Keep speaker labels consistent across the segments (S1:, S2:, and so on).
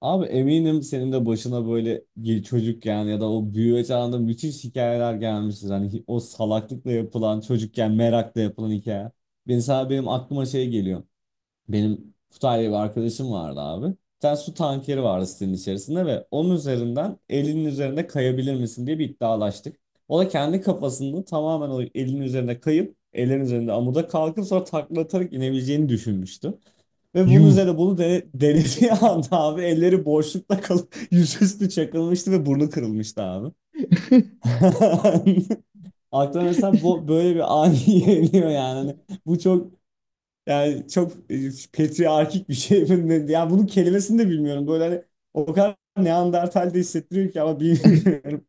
S1: Abi eminim senin de başına böyle çocukken ya da o büyüme çağında müthiş hikayeler gelmiştir. Hani o salaklıkla yapılan çocukken merakla yapılan hikaye. Ben sana benim aklıma şey geliyor. Benim Kutay bir arkadaşım vardı abi. Bir tane su tankeri vardı sitenin içerisinde ve onun üzerinden elinin üzerinde kayabilir misin diye bir iddialaştık. O da kendi kafasında tamamen o elinin üzerine kayıp ellerin üzerinde amuda kalkıp sonra takla atarak inebileceğini düşünmüştü. Ve bunun
S2: Yuh.
S1: üzerine bunu denediği anda abi elleri boşlukta kalıp yüzüstü çakılmıştı ve burnu kırılmıştı abi. Aklıma mesela bu, böyle bir ani geliyor yani. Hani bu çok yani çok patriarkik bir şey. Yani bunun kelimesini de bilmiyorum. Böyle hani o kadar Neandertal de hissettiriyor ki ama bilmiyorum.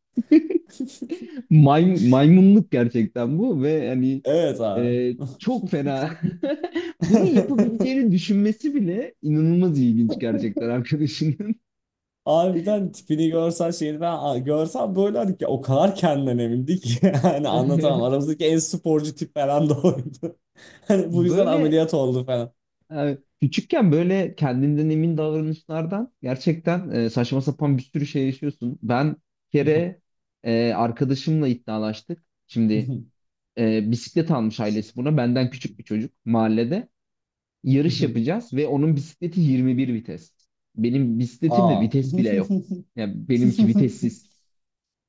S2: Maymunluk gerçekten bu ve hani
S1: Evet abi.
S2: e, çok fena. Bunu yapabileceğini düşünmesi bile inanılmaz ilginç gerçekten arkadaşının.
S1: Harbiden tipini görsen şeyini ben görsem böyle hani ki o kadar kendinden emindi ki yani anlatamam. Aramızdaki en sporcu tip falan da oydu. Hani bu yüzden
S2: Böyle
S1: ameliyat oldu falan.
S2: küçükken böyle kendinden emin davranışlardan gerçekten saçma sapan bir sürü şey yaşıyorsun. Ben bir kere arkadaşımla iddialaştık. Şimdi bisiklet almış ailesi buna. Benden küçük bir çocuk mahallede. Yarış yapacağız ve onun bisikleti 21 vites. Benim bisikletimde
S1: Aa.
S2: vites bile yok. Yani benimki vitessiz.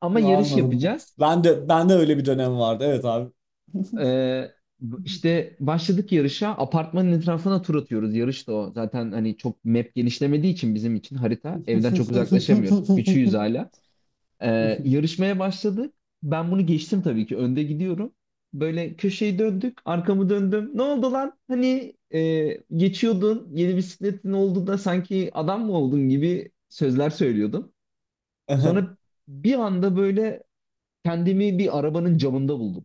S2: Ama yarış
S1: Anladım.
S2: yapacağız.
S1: Ben de öyle bir dönem vardı. Evet abi.
S2: Ee, işte başladık yarışa. Apartmanın etrafına tur atıyoruz. Yarış da o. Zaten hani çok map genişlemediği için bizim için harita. Evden çok uzaklaşamıyoruz. Küçüğüz hala. Yarışmaya başladık. Ben bunu geçtim tabii ki. Önde gidiyorum. Böyle köşeyi döndük. Arkamı döndüm. Ne oldu lan? Hani geçiyordun. Yeni bisikletin oldu da sanki adam mı oldun gibi sözler söylüyordum. Sonra bir anda böyle kendimi bir arabanın camında buldum.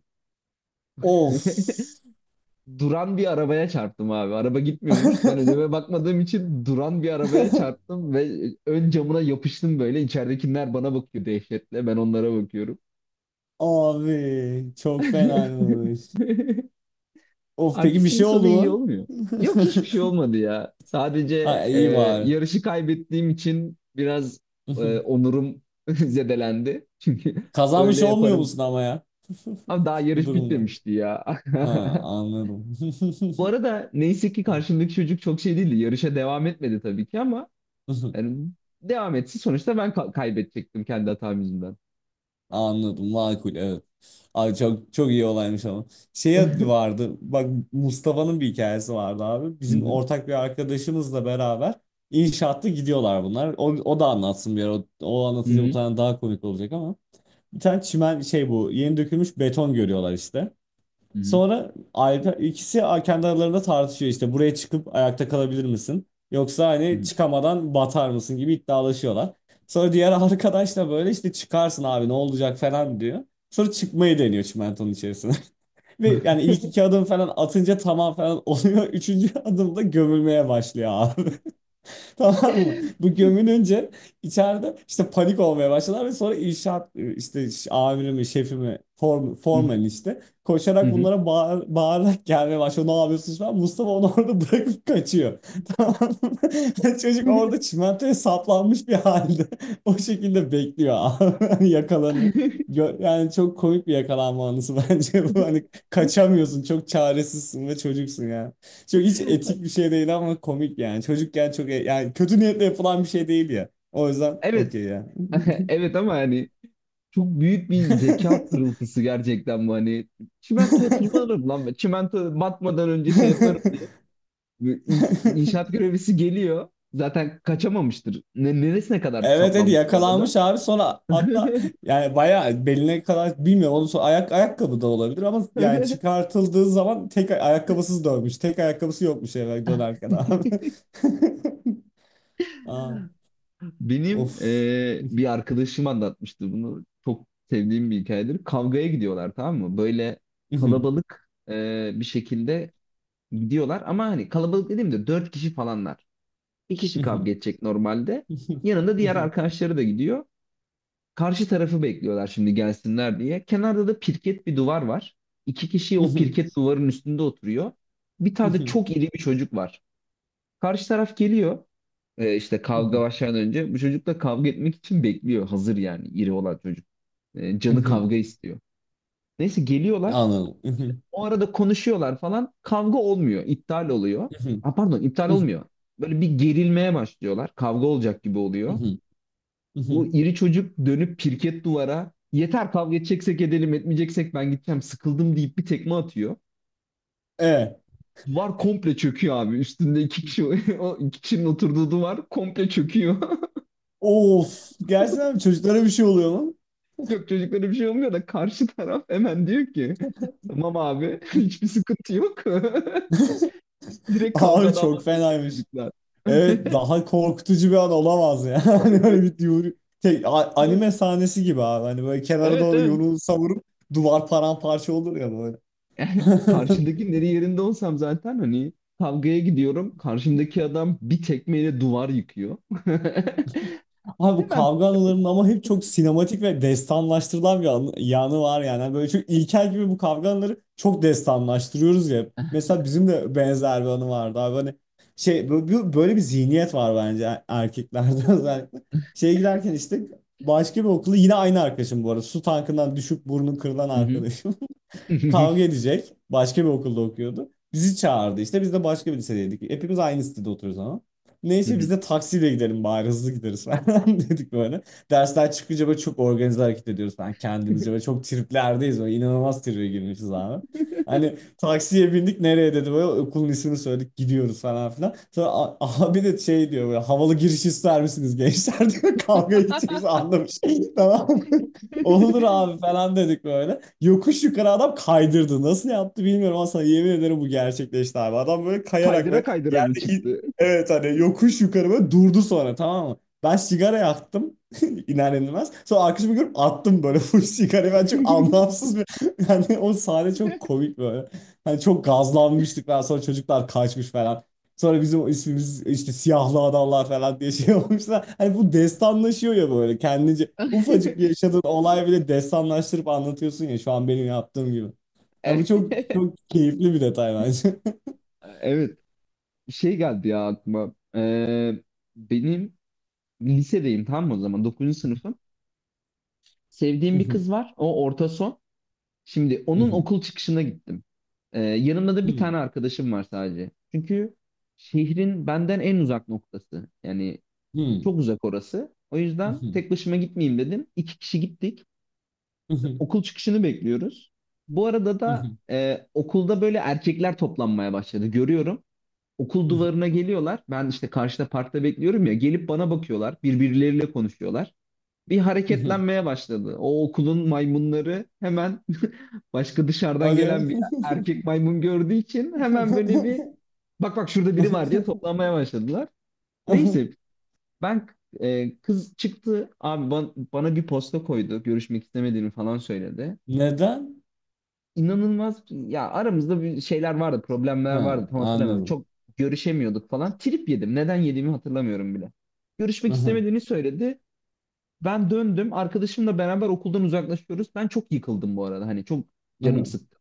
S1: Of.
S2: Duran bir arabaya çarptım abi. Araba gitmiyormuş. Ben önüme bakmadığım için duran bir arabaya çarptım ve ön camına yapıştım böyle. İçeridekiler bana bakıyor dehşetle. Ben onlara bakıyorum.
S1: Abi çok fenaymış. Of peki bir
S2: Artistin
S1: şey
S2: sonu
S1: oldu
S2: iyi
S1: mu?
S2: olmuyor. Yok hiçbir şey olmadı ya. Sadece
S1: Ha iyi bari.
S2: yarışı kaybettiğim için biraz onurum zedelendi. Çünkü
S1: Kazanmış
S2: öyle
S1: olmuyor
S2: yaparım.
S1: musun ama ya?
S2: Ama daha
S1: Bu
S2: yarış
S1: durumda.
S2: bitmemişti ya.
S1: Ha anladım.
S2: Bu arada neyse ki karşımdaki çocuk çok şey değildi. Yarışa devam etmedi tabii ki ama yani devam etsin. Sonuçta ben kaybedecektim kendi hatam yüzünden.
S1: Anladım makul evet. Abi çok çok iyi olaymış ama. Şey vardı bak Mustafa'nın bir hikayesi vardı abi.
S2: Hı
S1: Bizim
S2: hı,
S1: ortak bir arkadaşımızla beraber inşaatta gidiyorlar bunlar. O da anlatsın bir ara. O
S2: hı
S1: anlatınca bu
S2: hı,
S1: tane daha komik olacak ama. Bir tane çimen şey bu yeni dökülmüş beton görüyorlar işte.
S2: hı
S1: Sonra ayrı, ikisi kendi aralarında tartışıyor işte buraya çıkıp ayakta kalabilir misin? Yoksa
S2: hı,
S1: hani çıkamadan batar mısın gibi iddialaşıyorlar. Sonra diğer arkadaş da böyle işte çıkarsın abi ne olacak falan diyor. Sonra çıkmayı deniyor çimentonun içerisine. Ve yani ilk iki adım falan atınca tamam falan oluyor. Üçüncü adımda gömülmeye başlıyor abi. Tamam mı? Bu gömülünce içeride işte panik olmaya başladılar ve sonra inşaat işte amirimi, şefimi, form,
S2: hı hı,
S1: formen işte
S2: hı
S1: koşarak
S2: hı,
S1: bunlara bağırarak gelmeye başlıyor. Ne yapıyorsunuz falan. Mustafa onu orada bırakıp kaçıyor. Tamam mı? Çocuk orada çimentoya saplanmış bir halde o şekilde bekliyor abi. Hani yakalanıyor.
S2: hı
S1: Yani çok komik bir yakalanma anısı bence bu.
S2: hı.
S1: Hani kaçamıyorsun, çok çaresizsin ve çocuksun yani. Çok hiç etik bir şey değil ama komik yani. Çocukken çok yani kötü niyetle yapılan bir şey değil ya. O yüzden
S2: Evet.
S1: okey ya.
S2: Evet, ama hani çok büyük bir zeka pırıltısı gerçekten bu hani. Çimentoya tırmanırım lan ben. Çimento batmadan önce şey yaparım. İnşaat görevlisi geliyor. Zaten kaçamamıştır. Neresine kadar
S1: Evet dedi
S2: saplanmış bu arada?
S1: yakalanmış abi sonra hatta yani bayağı beline kadar bilmiyorum onun sonra ayakkabı da olabilir ama yani çıkartıldığı zaman tek ayakkabısız dönmüş. Tek ayakkabısı yokmuş eve dönerken abi. Aa,
S2: Benim
S1: of.
S2: bir arkadaşım anlatmıştı bunu. Çok sevdiğim bir hikayedir. Kavgaya gidiyorlar, tamam mı? Böyle kalabalık bir şekilde gidiyorlar. Ama hani kalabalık dediğimde dört kişi falanlar. Bir kişi kavga edecek normalde. Yanında diğer arkadaşları da gidiyor. Karşı tarafı bekliyorlar şimdi gelsinler diye. Kenarda da pirket bir duvar var. İki kişi o pirket duvarın üstünde oturuyor. Bir tane de çok iri bir çocuk var. Karşı taraf geliyor. İşte kavga başlamadan önce bu çocukla kavga etmek için bekliyor. Hazır yani iri olan çocuk. Canı
S1: Mhm,
S2: kavga istiyor. Neyse geliyorlar.
S1: anladım. Mhm.
S2: O arada konuşuyorlar falan. Kavga olmuyor. İptal oluyor.
S1: Mhm.
S2: Ha, pardon, iptal
S1: Mhm.
S2: olmuyor. Böyle bir gerilmeye başlıyorlar. Kavga olacak gibi oluyor.
S1: Mhm.
S2: Bu
S1: Mhm.
S2: iri çocuk dönüp pirket duvara yeter kavga edeceksek edelim, etmeyeceksek ben gideceğim, sıkıldım deyip bir tekme atıyor.
S1: Evet.
S2: Duvar komple çöküyor abi. Üstünde iki kişi o iki kişinin oturduğu duvar komple çöküyor.
S1: Of. Gerçekten mi? Çocuklara bir şey oluyor mu?
S2: Yok, çocuklara bir şey olmuyor da karşı taraf hemen diyor ki tamam abi hiçbir sıkıntı yok. Direkt
S1: Abi
S2: kavgadan
S1: çok
S2: vazgeçiyor
S1: fenaymış.
S2: çocuklar.
S1: Evet daha korkutucu bir an olamaz ya. Hani böyle bir anime sahnesi gibi abi. Hani böyle kenara
S2: Evet,
S1: doğru
S2: evet.
S1: yumruğunu savurup duvar paramparça olur ya böyle.
S2: Karşındakinin yeri yerinde olsam zaten hani kavgaya gidiyorum. Karşımdaki adam bir tekmeyle duvar yıkıyor.
S1: Abi bu
S2: Hemen
S1: kavga anılarının ama hep çok sinematik ve destanlaştırılan bir yanı var yani. Yani böyle çok ilkel gibi bu kavga anıları çok destanlaştırıyoruz ya. Mesela bizim de benzer bir anı vardı abi. Hani şey böyle bir zihniyet var bence erkeklerde özellikle. Şeye giderken işte başka bir okulu yine aynı arkadaşım bu arada. Su tankından düşüp burnu kırılan arkadaşım.
S2: hı hı.
S1: Kavga edecek. Başka bir okulda okuyordu. Bizi çağırdı işte. Biz de başka bir lisedeydik. Hepimiz aynı sitede oturuyoruz ama.
S2: Hı
S1: Neyse biz
S2: hı.
S1: de taksiyle gidelim bari hızlı gideriz falan dedik böyle. Dersler çıkınca böyle çok organize hareket ediyoruz falan kendimizce. Böyle çok triplerdeyiz böyle inanılmaz tribe girmişiz abi. Hani taksiye bindik nereye dedi böyle okulun ismini söyledik gidiyoruz falan filan. Sonra abi de şey diyor böyle havalı giriş ister misiniz gençler diyor kavga edeceğiz anlamış. Tamam mı? Olur abi falan dedik böyle. Yokuş yukarı adam kaydırdı. Nasıl yaptı bilmiyorum ama sana yemin ederim bu gerçekleşti abi. Adam böyle kayarak
S2: Kaydıra
S1: böyle
S2: kaydıra mı
S1: yerdeki,
S2: çıktı?
S1: evet hani yokuş yukarı böyle durdu sonra tamam mı? Ben sigara yaktım iner inmez. Sonra arkadaşımı görüp attım böyle full sigarayı. Ben çok anlamsız bir yani o sahne çok komik böyle. Hani çok gazlanmıştık ben sonra çocuklar kaçmış falan. Sonra bizim ismimiz işte siyahlı adamlar falan diye şey olmuşlar. Hani bu destanlaşıyor ya böyle kendince. Ufacık bir yaşadığın olay bile destanlaştırıp anlatıyorsun ya şu an benim yaptığım gibi. Ha, bu çok çok keyifli bir detay bence.
S2: Evet. Şey geldi ya aklıma. Benim lisedeyim, tamam mı o zaman? 9. sınıfım. Sevdiğim bir kız var. O orta son. Şimdi onun okul çıkışına gittim. Yanımda da bir tane arkadaşım var sadece. Çünkü şehrin benden en uzak noktası. Yani çok uzak orası. O yüzden tek başıma gitmeyeyim dedim. İki kişi gittik. Okul çıkışını bekliyoruz. Bu arada da okulda böyle erkekler toplanmaya başladı. Görüyorum. Okul duvarına geliyorlar. Ben işte karşıda parkta bekliyorum ya. Gelip bana bakıyorlar. Birbirleriyle konuşuyorlar. Bir hareketlenmeye başladı. O okulun maymunları hemen başka dışarıdan
S1: Hadi.
S2: gelen bir erkek maymun gördüğü için hemen böyle bir bak bak şurada biri var diye toplanmaya başladılar. Neyse ben kız çıktı abi, bana bir posta koydu. Görüşmek istemediğini falan söyledi.
S1: Neden?
S2: İnanılmaz ya, aramızda bir şeyler vardı, problemler
S1: Ha,
S2: vardı, tam hatırlamıyorum.
S1: anladım.
S2: Çok görüşemiyorduk falan. Trip yedim. Neden yediğimi hatırlamıyorum bile. Görüşmek istemediğini söyledi. Ben döndüm. Arkadaşımla beraber okuldan uzaklaşıyoruz. Ben çok yıkıldım bu arada. Hani çok canım sıktı.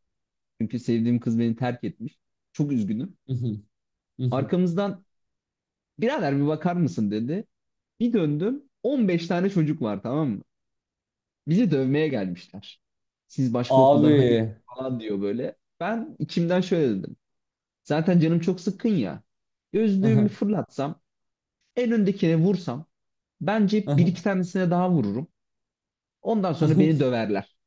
S2: Çünkü sevdiğim kız beni terk etmiş. Çok üzgünüm. Arkamızdan birader bir bakar mısın dedi. Bir döndüm. 15 tane çocuk var, tamam mı? Bizi dövmeye gelmişler. Siz başka okuldan, hayır
S1: Abi.
S2: falan diyor böyle. Ben içimden şöyle dedim. Zaten canım çok sıkkın ya. Gözlüğümü fırlatsam, en öndekine vursam, bence bir iki tanesine daha vururum. Ondan sonra beni döverler.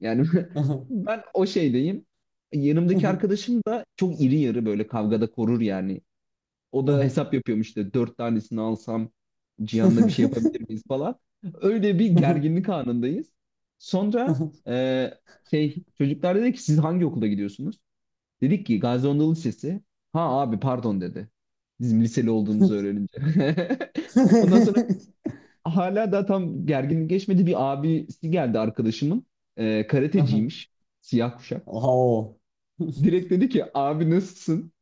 S2: Yani ben o şeydeyim. Yanımdaki arkadaşım da çok iri yarı, böyle kavgada korur yani. O da hesap yapıyormuş, işte dört tanesini alsam Cihan'la bir şey yapabilir miyiz falan. Öyle bir gerginlik anındayız. Sonra şey, çocuklar dedi ki siz hangi okula gidiyorsunuz? Dedik ki Gazi Anadolu Lisesi. Ha abi, pardon dedi. Bizim liseli olduğumuzu öğrenince. Ondan sonra hala da tam gerginlik geçmedi. Bir abisi geldi arkadaşımın. Karateciymiş. Siyah kuşak.
S1: Oo.
S2: Direkt dedi ki abi nasılsın?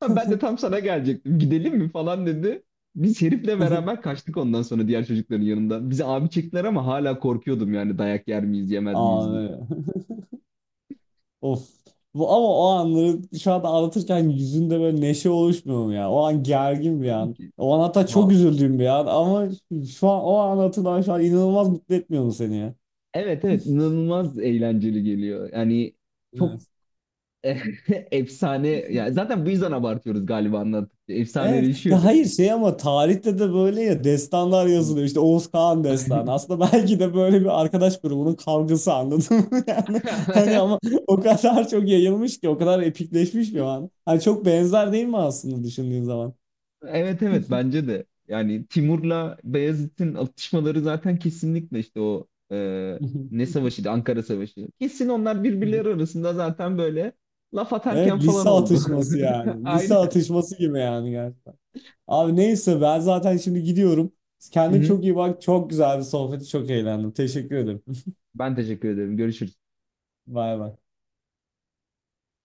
S2: Ha, ben de tam sana gelecektim. Gidelim mi falan dedi. Biz herifle beraber kaçtık ondan sonra diğer çocukların yanından. Bize abi çektiler ama hala korkuyordum yani dayak yer miyiz yemez miyiz diye.
S1: Abi. Of. Bu, ama o anları şu anda anlatırken yüzünde böyle neşe oluşmuyor mu ya? O an gergin bir
S2: Tabii
S1: an.
S2: ki.
S1: O an hatta çok
S2: Ha,
S1: üzüldüğüm bir an ama şu an o an hatırlaman şu an inanılmaz mutlu etmiyor mu seni ya?
S2: evet, evet, inanılmaz eğlenceli geliyor. Yani çok efsane ya, zaten bu yüzden abartıyoruz galiba anlattıkça.
S1: Evet.
S2: Efsaneleşiyor
S1: Ya hayır
S2: benim için.
S1: şey ama tarihte de böyle ya destanlar yazılıyor. İşte Oğuz Kağan destanı. Aslında belki de böyle bir arkadaş grubunun kavgası anladın mı? Yani hani ama o kadar çok yayılmış ki o kadar epikleşmiş ki o an. Hani çok benzer değil mi aslında düşündüğün zaman?
S2: Evet, evet, bence de. Yani Timur'la Beyazıt'ın atışmaları zaten kesinlikle işte o ne savaşıydı? Ankara Savaşı. Kesin onlar birbirleri arasında zaten böyle laf atarken
S1: Evet
S2: falan
S1: lise
S2: oldu.
S1: atışması yani. Lise
S2: Aynen.
S1: atışması gibi yani gerçekten. Abi neyse ben zaten şimdi gidiyorum.
S2: Hı
S1: Kendine
S2: hı.
S1: çok iyi bak. Çok güzel bir sohbeti çok eğlendim. Teşekkür ederim.
S2: Ben teşekkür ederim. Görüşürüz.
S1: Bay bay.